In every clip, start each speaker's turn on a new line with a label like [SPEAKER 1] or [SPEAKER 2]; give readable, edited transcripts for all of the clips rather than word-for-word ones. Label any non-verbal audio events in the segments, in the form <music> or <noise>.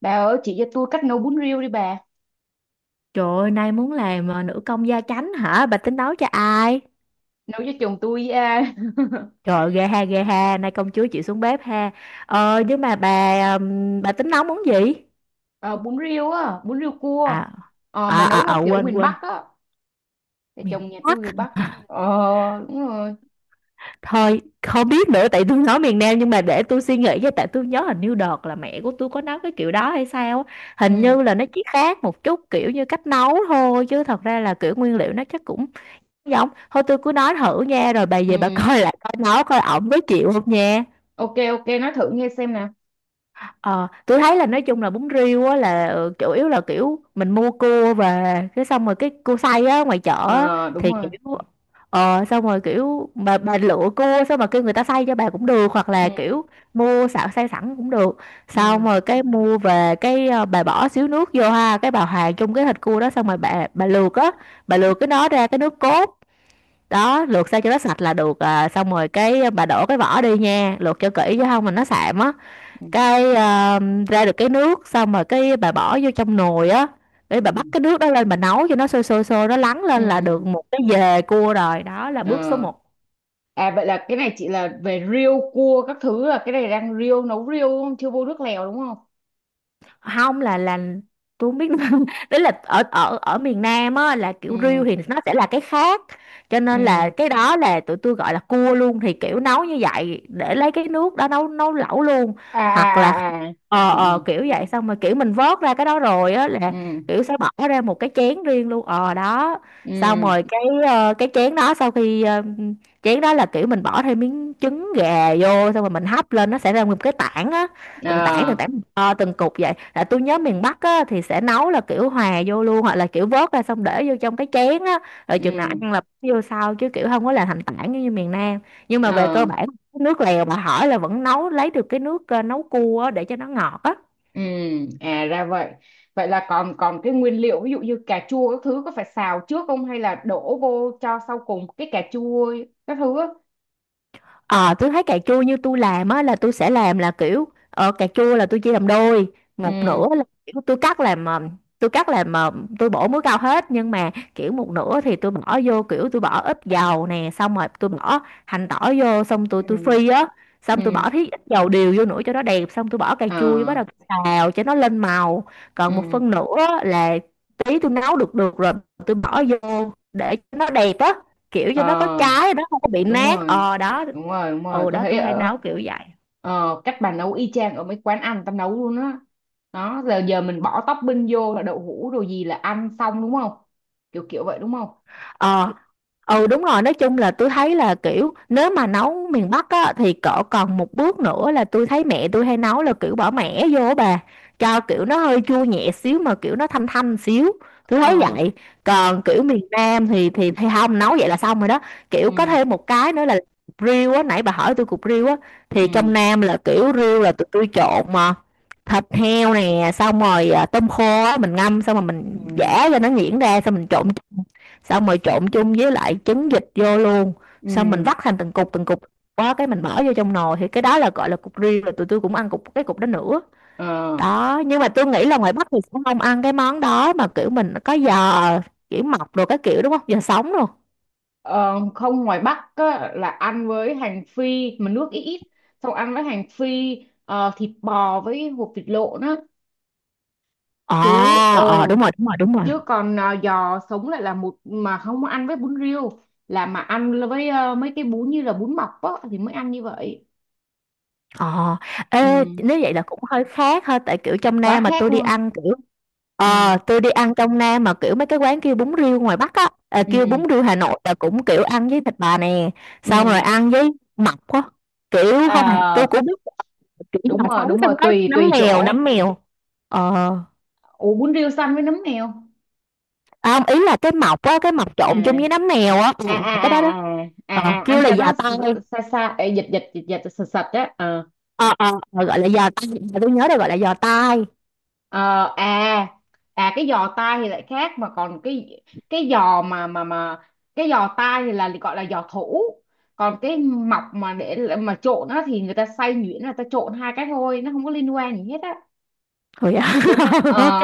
[SPEAKER 1] Bà ơi, chị cho tôi cách nấu bún riêu đi bà.
[SPEAKER 2] Trời ơi, nay muốn làm nữ công gia chánh hả? Bà tính nấu cho ai?
[SPEAKER 1] Nấu cho chồng tôi à. <laughs>
[SPEAKER 2] Trời ơi, ghê ha, ghê ha. Nay công chúa chịu xuống bếp ha. Nhưng mà bà tính nấu món gì?
[SPEAKER 1] Ờ, bún riêu á, bún riêu
[SPEAKER 2] À,
[SPEAKER 1] cua.
[SPEAKER 2] à,
[SPEAKER 1] Mà nấu
[SPEAKER 2] à,
[SPEAKER 1] theo
[SPEAKER 2] à
[SPEAKER 1] kiểu
[SPEAKER 2] quên,
[SPEAKER 1] miền
[SPEAKER 2] quên.
[SPEAKER 1] Bắc á. Thì
[SPEAKER 2] Miền
[SPEAKER 1] chồng nhà
[SPEAKER 2] Bắc.
[SPEAKER 1] tôi người Bắc. Ờ, đúng rồi.
[SPEAKER 2] Thôi, không biết nữa, tại tôi nói miền Nam, nhưng mà để tôi suy nghĩ với, tại tôi nhớ hình như đợt là mẹ của tôi có nấu cái kiểu đó hay sao á.
[SPEAKER 1] Ừ,
[SPEAKER 2] Hình như là nó chỉ khác một chút kiểu như cách nấu thôi, chứ thật ra là kiểu nguyên liệu nó chắc cũng giống. Thôi tôi cứ nói thử nha, rồi bà
[SPEAKER 1] ừ.
[SPEAKER 2] về bà <laughs> coi lại coi nấu coi ổng có chịu không nha.
[SPEAKER 1] Ok, ok, nói thử nghe xem nè.
[SPEAKER 2] Ờ, tôi thấy là nói chung là bún riêu á là chủ yếu là kiểu mình mua cua về, cái xong rồi cái cua xay á ngoài chợ á,
[SPEAKER 1] Ờ, đúng
[SPEAKER 2] thì kiểu
[SPEAKER 1] rồi.
[SPEAKER 2] xong rồi kiểu mà bà lựa cua xong mà kêu người ta xay cho bà cũng được, hoặc
[SPEAKER 1] Ừ,
[SPEAKER 2] là kiểu mua xạo xay sẵn cũng được, xong
[SPEAKER 1] ừ,
[SPEAKER 2] rồi cái mua về cái bà bỏ xíu nước vô ha, cái bà hòa chung cái thịt cua đó, xong rồi bà luộc á, bà luộc cái nó ra cái nước cốt đó, luộc sao cho nó sạch là được à. Xong rồi cái bà đổ cái vỏ đi nha, luộc cho kỹ chứ không mà nó sạm á.
[SPEAKER 1] ừ,
[SPEAKER 2] Cái ra được cái nước, xong rồi cái bà bỏ vô trong nồi á, để
[SPEAKER 1] ừ,
[SPEAKER 2] bà bắt cái nước đó lên, bà nấu cho nó sôi sôi sôi, nó lắng
[SPEAKER 1] ừ,
[SPEAKER 2] lên là được
[SPEAKER 1] ừ.
[SPEAKER 2] một cái dề cua rồi, đó là bước số
[SPEAKER 1] Ờ.
[SPEAKER 2] một.
[SPEAKER 1] À, vậy là cái này chị là về riêu cua các thứ là cái này đang riêu, nấu riêu đúng không? Chưa vô nước lèo đúng không?
[SPEAKER 2] Không, là tôi không biết nữa. <laughs> Đấy là ở ở ở miền Nam á là kiểu
[SPEAKER 1] Ừ,
[SPEAKER 2] riêu thì nó sẽ là cái khác, cho nên là
[SPEAKER 1] ừ.
[SPEAKER 2] cái đó là tụi tôi gọi là cua luôn, thì kiểu nấu như vậy để lấy cái nước đó nấu nấu lẩu luôn,
[SPEAKER 1] À,
[SPEAKER 2] hoặc là
[SPEAKER 1] à, à, à. Ừ,
[SPEAKER 2] ờ
[SPEAKER 1] ừ,
[SPEAKER 2] kiểu vậy. Xong rồi kiểu mình vớt ra cái đó rồi á, là
[SPEAKER 1] ừ.
[SPEAKER 2] kiểu sẽ bỏ ra một cái chén riêng luôn, ờ đó.
[SPEAKER 1] ừ
[SPEAKER 2] Xong rồi cái cái chén đó sau khi chén đó là kiểu mình bỏ thêm miếng trứng gà vô, xong rồi mình hấp lên nó sẽ ra một cái tảng á, từng tảng
[SPEAKER 1] ờ
[SPEAKER 2] từng tảng, từng cục vậy. Là tôi nhớ miền Bắc á thì sẽ nấu là kiểu hòa vô luôn, hoặc là kiểu vớt ra xong để vô trong cái chén á, rồi chừng nào
[SPEAKER 1] ừ
[SPEAKER 2] ăn là bỏ vô sau, chứ kiểu không có làm thành tảng như miền Nam. Nhưng mà về cơ
[SPEAKER 1] ờ
[SPEAKER 2] bản nước lèo mà hỏi là vẫn nấu lấy được cái nước nấu cua á, để cho nó ngọt á.
[SPEAKER 1] ừ À ra vậy, vậy là còn còn cái nguyên liệu ví dụ như cà chua các thứ có phải xào trước không hay là đổ vô cho sau cùng cái cà chua ấy, các thứ á?
[SPEAKER 2] Ờ, tôi thấy cà chua như tôi làm á là tôi sẽ làm là kiểu cà chua là tôi chia làm đôi. Một nửa
[SPEAKER 1] ừ
[SPEAKER 2] là kiểu tôi cắt làm tôi cắt làm ờ, tôi bổ muối cao hết, nhưng mà kiểu một nửa thì tôi bỏ vô, kiểu tôi bỏ ít dầu nè, xong rồi tôi bỏ hành tỏi vô, xong tôi
[SPEAKER 1] ừ
[SPEAKER 2] phi á,
[SPEAKER 1] ừ
[SPEAKER 2] xong tôi bỏ tí ít dầu điều vô nữa cho nó đẹp, xong tôi bỏ cà
[SPEAKER 1] ờ
[SPEAKER 2] chua vô bắt đầu xào cho nó lên màu. Còn một
[SPEAKER 1] ừ
[SPEAKER 2] phần nữa là tí tôi nấu được được rồi tôi bỏ vô để cho nó đẹp á, kiểu cho nó có
[SPEAKER 1] ờ
[SPEAKER 2] trái, nó không có bị
[SPEAKER 1] Đúng
[SPEAKER 2] nát,
[SPEAKER 1] rồi,
[SPEAKER 2] ờ đó.
[SPEAKER 1] đúng rồi, đúng rồi,
[SPEAKER 2] Ừ
[SPEAKER 1] tôi
[SPEAKER 2] đó,
[SPEAKER 1] thấy
[SPEAKER 2] tôi hay
[SPEAKER 1] ở
[SPEAKER 2] nấu kiểu vậy.
[SPEAKER 1] cách bà nấu y chang ở mấy quán ăn tao nấu luôn á đó. Giờ giờ mình bỏ topping vô là đậu hũ đồ gì là ăn xong đúng không, kiểu kiểu vậy đúng không?
[SPEAKER 2] ờ Đúng rồi, nói chung là tôi thấy là kiểu nếu mà nấu miền Bắc á thì cỡ còn một bước nữa, là tôi thấy mẹ tôi hay nấu là kiểu bỏ mẻ vô á bà, cho kiểu nó hơi chua nhẹ xíu mà kiểu nó thanh thanh xíu, tôi thấy
[SPEAKER 1] Ờ.
[SPEAKER 2] vậy. Còn kiểu miền Nam thì thì không nấu vậy, là xong rồi đó. Kiểu có
[SPEAKER 1] Ừ,
[SPEAKER 2] thêm một cái nữa là riêu á, nãy bà hỏi tôi cục riêu á, thì
[SPEAKER 1] ừ.
[SPEAKER 2] trong Nam là kiểu riêu là tụi tôi trộn mà, thịt heo nè, xong rồi tôm khô á, mình ngâm xong rồi
[SPEAKER 1] Ừ.
[SPEAKER 2] mình giã cho nó nhuyễn ra, xong mình trộn chung, xong rồi trộn chung với lại trứng vịt vô luôn,
[SPEAKER 1] Ừ.
[SPEAKER 2] xong mình vắt thành từng cục từng cục, quá cái mình bỏ vô trong nồi, thì cái đó là gọi là cục riêu rồi, tụi tôi cũng ăn cục, cái cục đó nữa
[SPEAKER 1] Ờ.
[SPEAKER 2] đó. Nhưng mà tôi nghĩ là ngoài Bắc thì sẽ không ăn cái món đó, mà kiểu mình có giò, kiểu mọc rồi, cái kiểu đúng không, giò sống luôn.
[SPEAKER 1] Ờ, không, ngoài Bắc á, là ăn với hành phi mà nước ít ít, xong ăn với hành phi. Thịt bò với hột vịt lộn á. chứ ờ
[SPEAKER 2] Đúng rồi đúng rồi đúng rồi.
[SPEAKER 1] Chứ còn giò sống lại là một mà không ăn với bún riêu, là mà ăn với mấy cái bún như là bún mọc á thì mới ăn như vậy.
[SPEAKER 2] Ờ, ê,
[SPEAKER 1] Ừ.
[SPEAKER 2] nếu vậy là cũng hơi khác ha, tại kiểu trong
[SPEAKER 1] Quá
[SPEAKER 2] Nam mà
[SPEAKER 1] khác
[SPEAKER 2] tôi đi
[SPEAKER 1] luôn.
[SPEAKER 2] ăn kiểu
[SPEAKER 1] Ừ,
[SPEAKER 2] tôi đi ăn trong Nam mà kiểu mấy cái quán kêu bún riêu ngoài Bắc á, kêu bún
[SPEAKER 1] ừ,
[SPEAKER 2] riêu Hà Nội, là cũng kiểu ăn với thịt bà nè, xong rồi
[SPEAKER 1] ừ.
[SPEAKER 2] ăn với mọc á, kiểu không phải, tôi
[SPEAKER 1] À,
[SPEAKER 2] cũng biết là kiểu
[SPEAKER 1] đúng
[SPEAKER 2] là
[SPEAKER 1] rồi,
[SPEAKER 2] sống,
[SPEAKER 1] đúng rồi,
[SPEAKER 2] xong có
[SPEAKER 1] tùy tùy chỗ.
[SPEAKER 2] nấm mèo, ờ,
[SPEAKER 1] Ủ bún riêu xanh với nấm mèo.
[SPEAKER 2] không, ý là cái mọc á, cái mọc
[SPEAKER 1] À,
[SPEAKER 2] trộn chung với nấm mèo á, ừ,
[SPEAKER 1] à,
[SPEAKER 2] cái đó đó,
[SPEAKER 1] à, à, à,
[SPEAKER 2] ờ,
[SPEAKER 1] à, à,
[SPEAKER 2] kêu
[SPEAKER 1] ăn
[SPEAKER 2] là
[SPEAKER 1] cho nó
[SPEAKER 2] giò tai,
[SPEAKER 1] xa xa. Ê, dịch dịch dịch dịch sạch sạch á. Ờ.
[SPEAKER 2] ờ ờ ờ, gọi là giò tai, tôi nhớ là gọi là giò tai.
[SPEAKER 1] Ờ. À, à, cái giò tai thì lại khác mà còn cái giò mà cái giò tai thì là gọi là giò thủ, còn cái mọc mà để mà trộn á thì người ta xay nhuyễn là ta trộn hai cái thôi nó không có liên quan gì hết á,
[SPEAKER 2] Rồi
[SPEAKER 1] đúng không?
[SPEAKER 2] <laughs> ok.
[SPEAKER 1] Ờ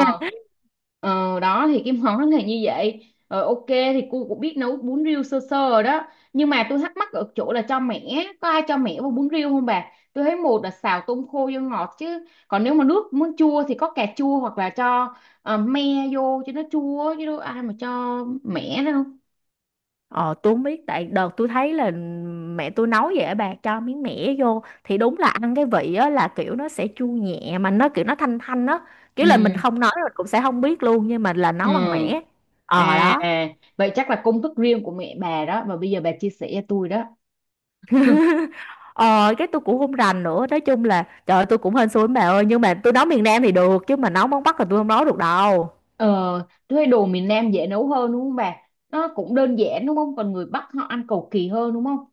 [SPEAKER 1] Đó thì cái món này như vậy. Ờ, ok, thì cô cũng biết nấu bún riêu sơ sơ rồi đó, nhưng mà tôi thắc mắc ở chỗ là cho mẻ có ai cho mẻ vào bún riêu không bà? Tôi thấy một là xào tôm khô vô ngọt, chứ còn nếu mà nước muốn chua thì có cà chua hoặc là cho me vô cho nó chua, chứ đâu ai mà cho mẻ đâu.
[SPEAKER 2] Ờ, tôi không biết, tại đợt tôi thấy là mẹ tôi nấu vậy, bà cho miếng mẻ vô thì đúng là ăn cái vị á là kiểu nó sẽ chua nhẹ mà nó kiểu nó thanh thanh á, kiểu là mình
[SPEAKER 1] Ừ,
[SPEAKER 2] không nói mình cũng sẽ không biết luôn, nhưng mà là nấu bằng
[SPEAKER 1] ừ.
[SPEAKER 2] mẻ, ờ
[SPEAKER 1] À,
[SPEAKER 2] đó.
[SPEAKER 1] vậy chắc là công thức riêng của mẹ bà đó và bây giờ bà chia sẻ cho tôi đó. <laughs>
[SPEAKER 2] Ờ cái tôi cũng không rành nữa, nói chung là trời ơi, tôi cũng hên xui lắm bà ơi, nhưng mà tôi nấu miền Nam thì được, chứ mà nấu món Bắc là tôi không nấu được đâu.
[SPEAKER 1] Ờ, thuê đồ miền Nam dễ nấu hơn đúng không bà? Nó cũng đơn giản đúng không? Còn người Bắc họ ăn cầu kỳ hơn đúng không?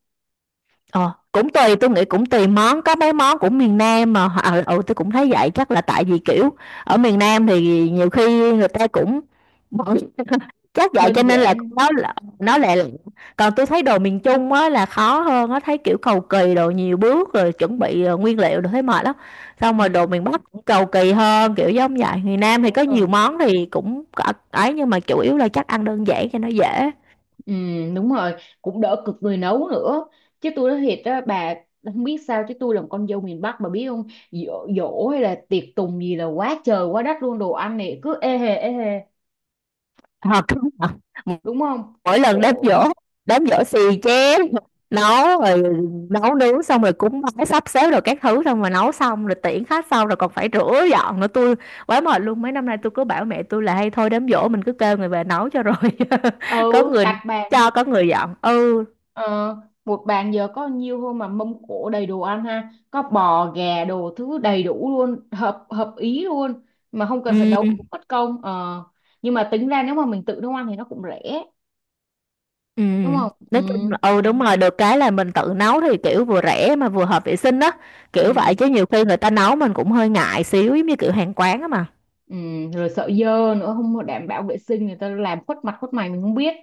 [SPEAKER 2] Ờ, cũng tùy, tôi nghĩ cũng tùy món, có mấy món cũng miền Nam mà tôi cũng thấy vậy, chắc là tại vì kiểu ở miền Nam thì nhiều khi người ta cũng <laughs> chắc vậy
[SPEAKER 1] Đơn
[SPEAKER 2] cho nên là
[SPEAKER 1] giản.
[SPEAKER 2] nó lẹ lặn. Còn tôi thấy đồ miền Trung á là khó hơn, nó thấy kiểu cầu kỳ, đồ nhiều bước rồi chuẩn bị nguyên liệu, rồi thấy mệt lắm. Xong
[SPEAKER 1] Ừ,
[SPEAKER 2] rồi đồ miền Bắc cũng cầu kỳ hơn, kiểu giống vậy. Miền Nam thì
[SPEAKER 1] đúng
[SPEAKER 2] có nhiều
[SPEAKER 1] rồi.
[SPEAKER 2] món thì cũng có ấy, nhưng mà chủ yếu là chắc ăn đơn giản cho nó dễ.
[SPEAKER 1] Ừ, đúng rồi. Cũng đỡ cực người nấu nữa. Chứ tôi nói thiệt á, bà không biết sao chứ tôi là một con dâu miền Bắc bà biết không? Giỗ, giỗ hay là tiệc tùng gì là quá trời quá đất luôn, đồ ăn này cứ ê hề ê hề,
[SPEAKER 2] Ờ, <laughs> đúng rồi.
[SPEAKER 1] đúng không?
[SPEAKER 2] Mỗi lần đám
[SPEAKER 1] Cổ,
[SPEAKER 2] giỗ, đám giỗ xì chén, nấu rồi, nấu nướng xong rồi cúng bái sắp xếp rồi các thứ, xong rồi nấu xong rồi tiễn khách, xong rồi còn phải rửa dọn nữa, tôi quá mệt luôn. Mấy năm nay tôi cứ bảo mẹ tôi là hay thôi đám giỗ mình cứ kêu người về nấu cho rồi, <laughs> có
[SPEAKER 1] ừ,
[SPEAKER 2] người
[SPEAKER 1] đặt bàn.
[SPEAKER 2] cho, có người dọn. Ừ
[SPEAKER 1] Ờ, một bàn giờ có nhiều hơn mà mâm cỗ đầy đồ ăn ha, có bò gà đồ thứ đầy đủ luôn, hợp hợp ý luôn mà không cần phải
[SPEAKER 2] ừ
[SPEAKER 1] nấu mất công. Ờ. Nhưng mà tính ra nếu mà mình tự nấu ăn thì nó cũng rẻ
[SPEAKER 2] ừ
[SPEAKER 1] đúng không? Ừ,
[SPEAKER 2] nói chung là ừ đúng rồi, được cái là mình tự nấu thì kiểu vừa rẻ mà vừa hợp vệ sinh đó, kiểu vậy.
[SPEAKER 1] ừ,
[SPEAKER 2] Chứ nhiều khi người ta nấu mình cũng hơi ngại xíu, giống như kiểu hàng quán á mà.
[SPEAKER 1] ừ. Rồi sợ dơ nữa, không có đảm bảo vệ sinh, người ta làm khuất mặt khuất mày mình không biết.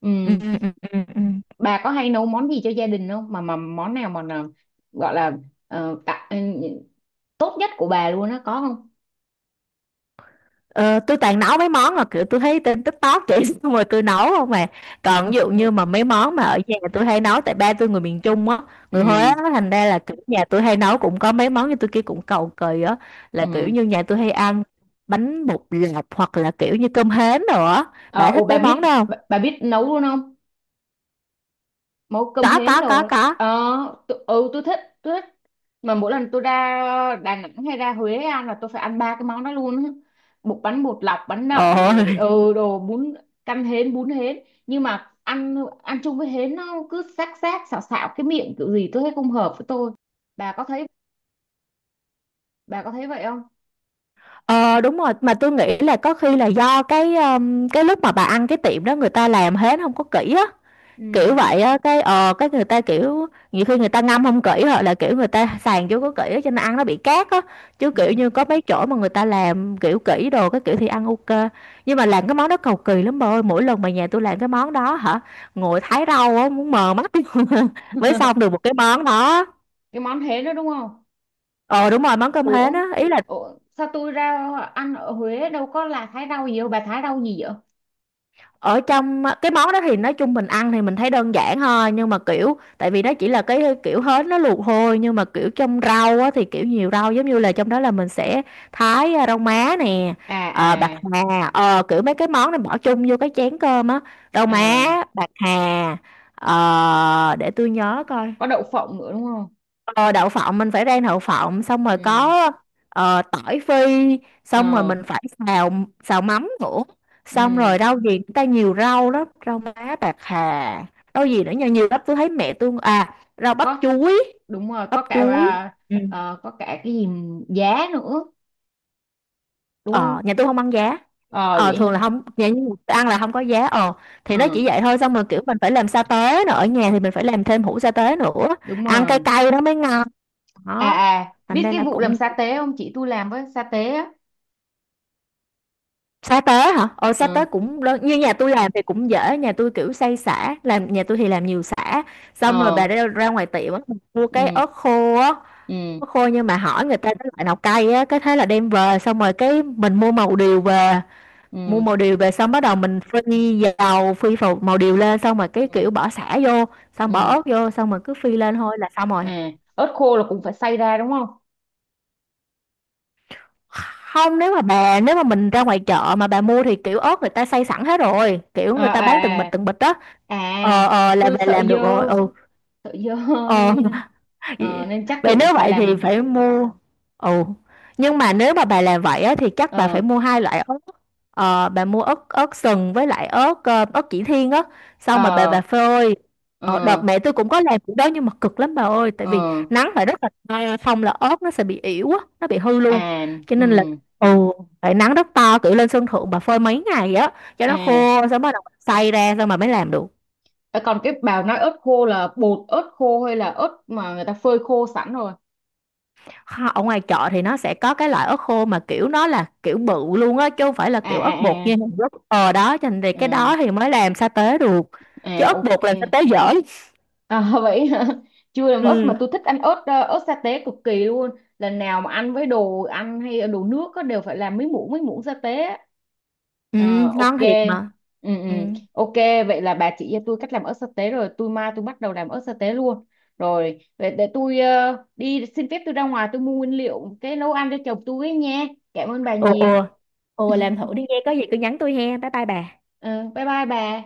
[SPEAKER 1] Ừ.
[SPEAKER 2] Ừ.
[SPEAKER 1] Bà có hay nấu món gì cho gia đình không, mà mà món nào mà gọi là ờ, tạ- tốt nhất của bà luôn á, có không?
[SPEAKER 2] Ờ, tôi toàn nấu mấy món mà kiểu tôi thấy trên TikTok chị, <laughs> xong rồi tôi nấu không mà. Còn ví dụ
[SPEAKER 1] Ừ,
[SPEAKER 2] như mà mấy món mà ở nhà tôi hay nấu, tại ba tôi người miền Trung á, người
[SPEAKER 1] ừ,
[SPEAKER 2] Huế á, thành ra là kiểu nhà tôi hay nấu cũng có mấy món như tôi kia, cũng cầu kỳ á, là kiểu
[SPEAKER 1] ừ.
[SPEAKER 2] như nhà tôi hay ăn bánh bột lọc, hoặc là kiểu như cơm hến rồi á.
[SPEAKER 1] Ờ,
[SPEAKER 2] Bà
[SPEAKER 1] ồ
[SPEAKER 2] thích
[SPEAKER 1] bà
[SPEAKER 2] mấy
[SPEAKER 1] biết,
[SPEAKER 2] món đó không?
[SPEAKER 1] bà biết nấu luôn không? Nấu cơm
[SPEAKER 2] Có
[SPEAKER 1] hến đồ
[SPEAKER 2] có
[SPEAKER 1] á.
[SPEAKER 2] có.
[SPEAKER 1] Ờ, tôi thích, tôi thích. Mà mỗi lần tôi ra Đà Nẵng hay ra Huế ăn là tôi phải ăn ba cái món đó luôn á. Bánh bột lọc, bánh
[SPEAKER 2] Ồ,
[SPEAKER 1] nậm rồi
[SPEAKER 2] <laughs>
[SPEAKER 1] ừ đồ bún canh hến, bún hến. Nhưng mà ăn ăn chung với hến nó cứ xác xác xạo xạo cái miệng kiểu gì tôi thấy không hợp với tôi. Bà có thấy bà có thấy vậy không?
[SPEAKER 2] ờ đúng rồi, mà tôi nghĩ là có khi là do cái lúc mà bà ăn cái tiệm đó người ta làm hến không có kỹ á, kiểu
[SPEAKER 1] Ừ,
[SPEAKER 2] vậy á. Cái cái người ta kiểu nhiều khi người ta ngâm không kỹ, hoặc là kiểu người ta sàn chưa có kỹ á, cho nên ăn nó bị cát á. Chứ kiểu
[SPEAKER 1] ừ.
[SPEAKER 2] như có mấy chỗ mà người ta làm kiểu kỹ đồ cái kiểu, thì ăn ok. Nhưng mà làm cái món đó cầu kỳ lắm bà ơi, mỗi lần mà nhà tôi làm cái món đó hả, ngồi thái rau á muốn mờ mắt <laughs> mới xong
[SPEAKER 1] <laughs>
[SPEAKER 2] được một cái món đó.
[SPEAKER 1] Cái món hến đó đúng không?
[SPEAKER 2] Ờ đúng rồi, món cơm hến
[SPEAKER 1] Ủa,
[SPEAKER 2] á, ý là
[SPEAKER 1] Ủa sao tôi ra ăn ở Huế đâu có là thái rau gì đâu, bà thái rau gì vậy?
[SPEAKER 2] ở trong cái món đó thì nói chung mình ăn thì mình thấy đơn giản thôi, nhưng mà kiểu tại vì nó chỉ là cái kiểu hến nó luộc thôi, nhưng mà kiểu trong rau á, thì kiểu nhiều rau, giống như là trong đó là mình sẽ thái rau má nè,
[SPEAKER 1] À,
[SPEAKER 2] ờ, bạc
[SPEAKER 1] à,
[SPEAKER 2] hà, ờ, kiểu mấy cái món này bỏ chung vô cái chén cơm á. Rau má,
[SPEAKER 1] à.
[SPEAKER 2] bạc hà, ờ, để tôi nhớ coi.
[SPEAKER 1] Có đậu phộng nữa đúng không?
[SPEAKER 2] Ờ, đậu phộng mình phải rang đậu phộng, xong rồi
[SPEAKER 1] Ừ.
[SPEAKER 2] có ờ, tỏi phi, xong rồi
[SPEAKER 1] Ờ.
[SPEAKER 2] mình phải xào, xào mắm nữa. Xong
[SPEAKER 1] Ừ.
[SPEAKER 2] rồi rau gì người ta nhiều rau lắm, rau má, bạc hà, rau gì nữa nhiều nhiều lắm, tôi thấy mẹ tôi rau bắp
[SPEAKER 1] Có,
[SPEAKER 2] chuối,
[SPEAKER 1] đúng rồi, có
[SPEAKER 2] bắp
[SPEAKER 1] cả
[SPEAKER 2] chuối.
[SPEAKER 1] à.
[SPEAKER 2] Ừ.
[SPEAKER 1] Ờ, có cả cái gì giá nữa, đúng không?
[SPEAKER 2] Ờ nhà tôi không ăn giá,
[SPEAKER 1] Ờ
[SPEAKER 2] ờ
[SPEAKER 1] vậy
[SPEAKER 2] thường là
[SPEAKER 1] hả.
[SPEAKER 2] không, nhà tôi ăn là không có giá, ờ. Thì nó
[SPEAKER 1] Ờ,
[SPEAKER 2] chỉ vậy thôi, xong rồi kiểu mình phải làm sa tế nữa, ở nhà thì mình phải làm thêm hũ sa tế nữa,
[SPEAKER 1] đúng
[SPEAKER 2] ăn cay
[SPEAKER 1] rồi.
[SPEAKER 2] cay nó mới ngon,
[SPEAKER 1] À,
[SPEAKER 2] đó.
[SPEAKER 1] à,
[SPEAKER 2] Thành
[SPEAKER 1] biết
[SPEAKER 2] đây
[SPEAKER 1] cái
[SPEAKER 2] là
[SPEAKER 1] vụ làm
[SPEAKER 2] cũng,
[SPEAKER 1] sa tế không chị, tôi làm với sa tế á.
[SPEAKER 2] sa tế hả? Ờ sa
[SPEAKER 1] Ờ.
[SPEAKER 2] tế cũng đơn. Như nhà tôi làm thì cũng dễ, nhà tôi kiểu xay sả, làm nhà tôi thì làm nhiều sả. Xong rồi bà
[SPEAKER 1] Ờ.
[SPEAKER 2] ra, ra ngoài tiệm á, mua cái
[SPEAKER 1] Ừ,
[SPEAKER 2] ớt khô á,
[SPEAKER 1] ừ,
[SPEAKER 2] ớt khô nhưng mà hỏi người ta cái loại nào cay á, cái thế là đem về, xong rồi cái mình mua màu điều về, mua
[SPEAKER 1] ừ,
[SPEAKER 2] màu điều về xong bắt đầu mình phi dầu, màu điều lên, xong rồi cái
[SPEAKER 1] ừ, ừ,
[SPEAKER 2] kiểu bỏ sả vô, xong bỏ
[SPEAKER 1] ừ.
[SPEAKER 2] ớt vô, xong rồi cứ phi lên thôi là xong rồi.
[SPEAKER 1] À, ớt khô là cũng phải xay ra đúng không?
[SPEAKER 2] Không, nếu mà mình ra ngoài chợ mà bà mua thì kiểu ớt người ta xay sẵn hết rồi, kiểu người
[SPEAKER 1] À,
[SPEAKER 2] ta bán
[SPEAKER 1] à,
[SPEAKER 2] từng bịch đó,
[SPEAKER 1] à. À,
[SPEAKER 2] là
[SPEAKER 1] tôi
[SPEAKER 2] về
[SPEAKER 1] sợ
[SPEAKER 2] làm
[SPEAKER 1] dơ,
[SPEAKER 2] được rồi ừ.
[SPEAKER 1] sợ dơ <laughs>
[SPEAKER 2] Ờ
[SPEAKER 1] nên nên,
[SPEAKER 2] <laughs>
[SPEAKER 1] ờ, nên chắc
[SPEAKER 2] vậy
[SPEAKER 1] tự
[SPEAKER 2] nếu
[SPEAKER 1] phải
[SPEAKER 2] vậy thì
[SPEAKER 1] làm.
[SPEAKER 2] phải mua. Ồ, nhưng mà nếu mà bà làm vậy á, thì chắc bà
[SPEAKER 1] Ờ,
[SPEAKER 2] phải mua hai loại ớt, ờ, bà mua ớt, ớt sừng với lại ớt ớt chỉ thiên á, xong mà bà
[SPEAKER 1] ờ,
[SPEAKER 2] bà phơi.
[SPEAKER 1] ờ,
[SPEAKER 2] Ờ, đợt mẹ tôi cũng có làm cái đó nhưng mà cực lắm bà ơi, tại vì
[SPEAKER 1] ờ.
[SPEAKER 2] nắng phải rất là to, không là ớt nó sẽ bị ỉu á, nó bị hư luôn,
[SPEAKER 1] À.
[SPEAKER 2] cho
[SPEAKER 1] Ừ.
[SPEAKER 2] nên là ồ phải nắng rất to, cử lên sân thượng bà phơi mấy ngày á cho nó khô,
[SPEAKER 1] À.
[SPEAKER 2] xong bắt đầu xay ra xong mà mới làm được.
[SPEAKER 1] Ờ, còn cái bà nói ớt khô là bột ớt khô hay là ớt mà người ta phơi khô sẵn rồi?
[SPEAKER 2] Ở ngoài chợ thì nó sẽ có cái loại ớt khô mà kiểu nó là kiểu bự luôn á, chứ không phải là
[SPEAKER 1] À,
[SPEAKER 2] kiểu ớt bột
[SPEAKER 1] à,
[SPEAKER 2] như
[SPEAKER 1] à.
[SPEAKER 2] Hàn Quốc, ờ đó, cho nên thì cái
[SPEAKER 1] Ừ,
[SPEAKER 2] đó thì mới làm sa tế được, chứ
[SPEAKER 1] à
[SPEAKER 2] ớt
[SPEAKER 1] ok.
[SPEAKER 2] bột làm sa tế dở.
[SPEAKER 1] À, <laughs> vậy hả? Chưa làm ớt mà
[SPEAKER 2] Ừ,
[SPEAKER 1] tôi thích ăn ớt, ớt sa tế cực kỳ luôn. Lần nào mà ăn với đồ ăn hay đồ nước á, đều phải làm mấy muỗng sa tế á.
[SPEAKER 2] ừ,
[SPEAKER 1] Ờ, ok.
[SPEAKER 2] ngon thiệt mà.
[SPEAKER 1] Ừ, ừ.
[SPEAKER 2] Ừ.
[SPEAKER 1] Ok, vậy là bà chỉ cho tôi cách làm ớt sa tế rồi, tôi mai tôi bắt đầu làm ớt sa tế luôn rồi. Vậy để tôi đi xin phép, tôi ra ngoài tôi mua nguyên liệu cái nấu ăn cho chồng tôi ấy nha. Cảm ơn bà
[SPEAKER 2] Ồ
[SPEAKER 1] nhiều.
[SPEAKER 2] ồ, ồ
[SPEAKER 1] <laughs>
[SPEAKER 2] làm thử đi nghe, có gì cứ nhắn tôi he, bye bye bà.
[SPEAKER 1] Ừ, bye bye bà.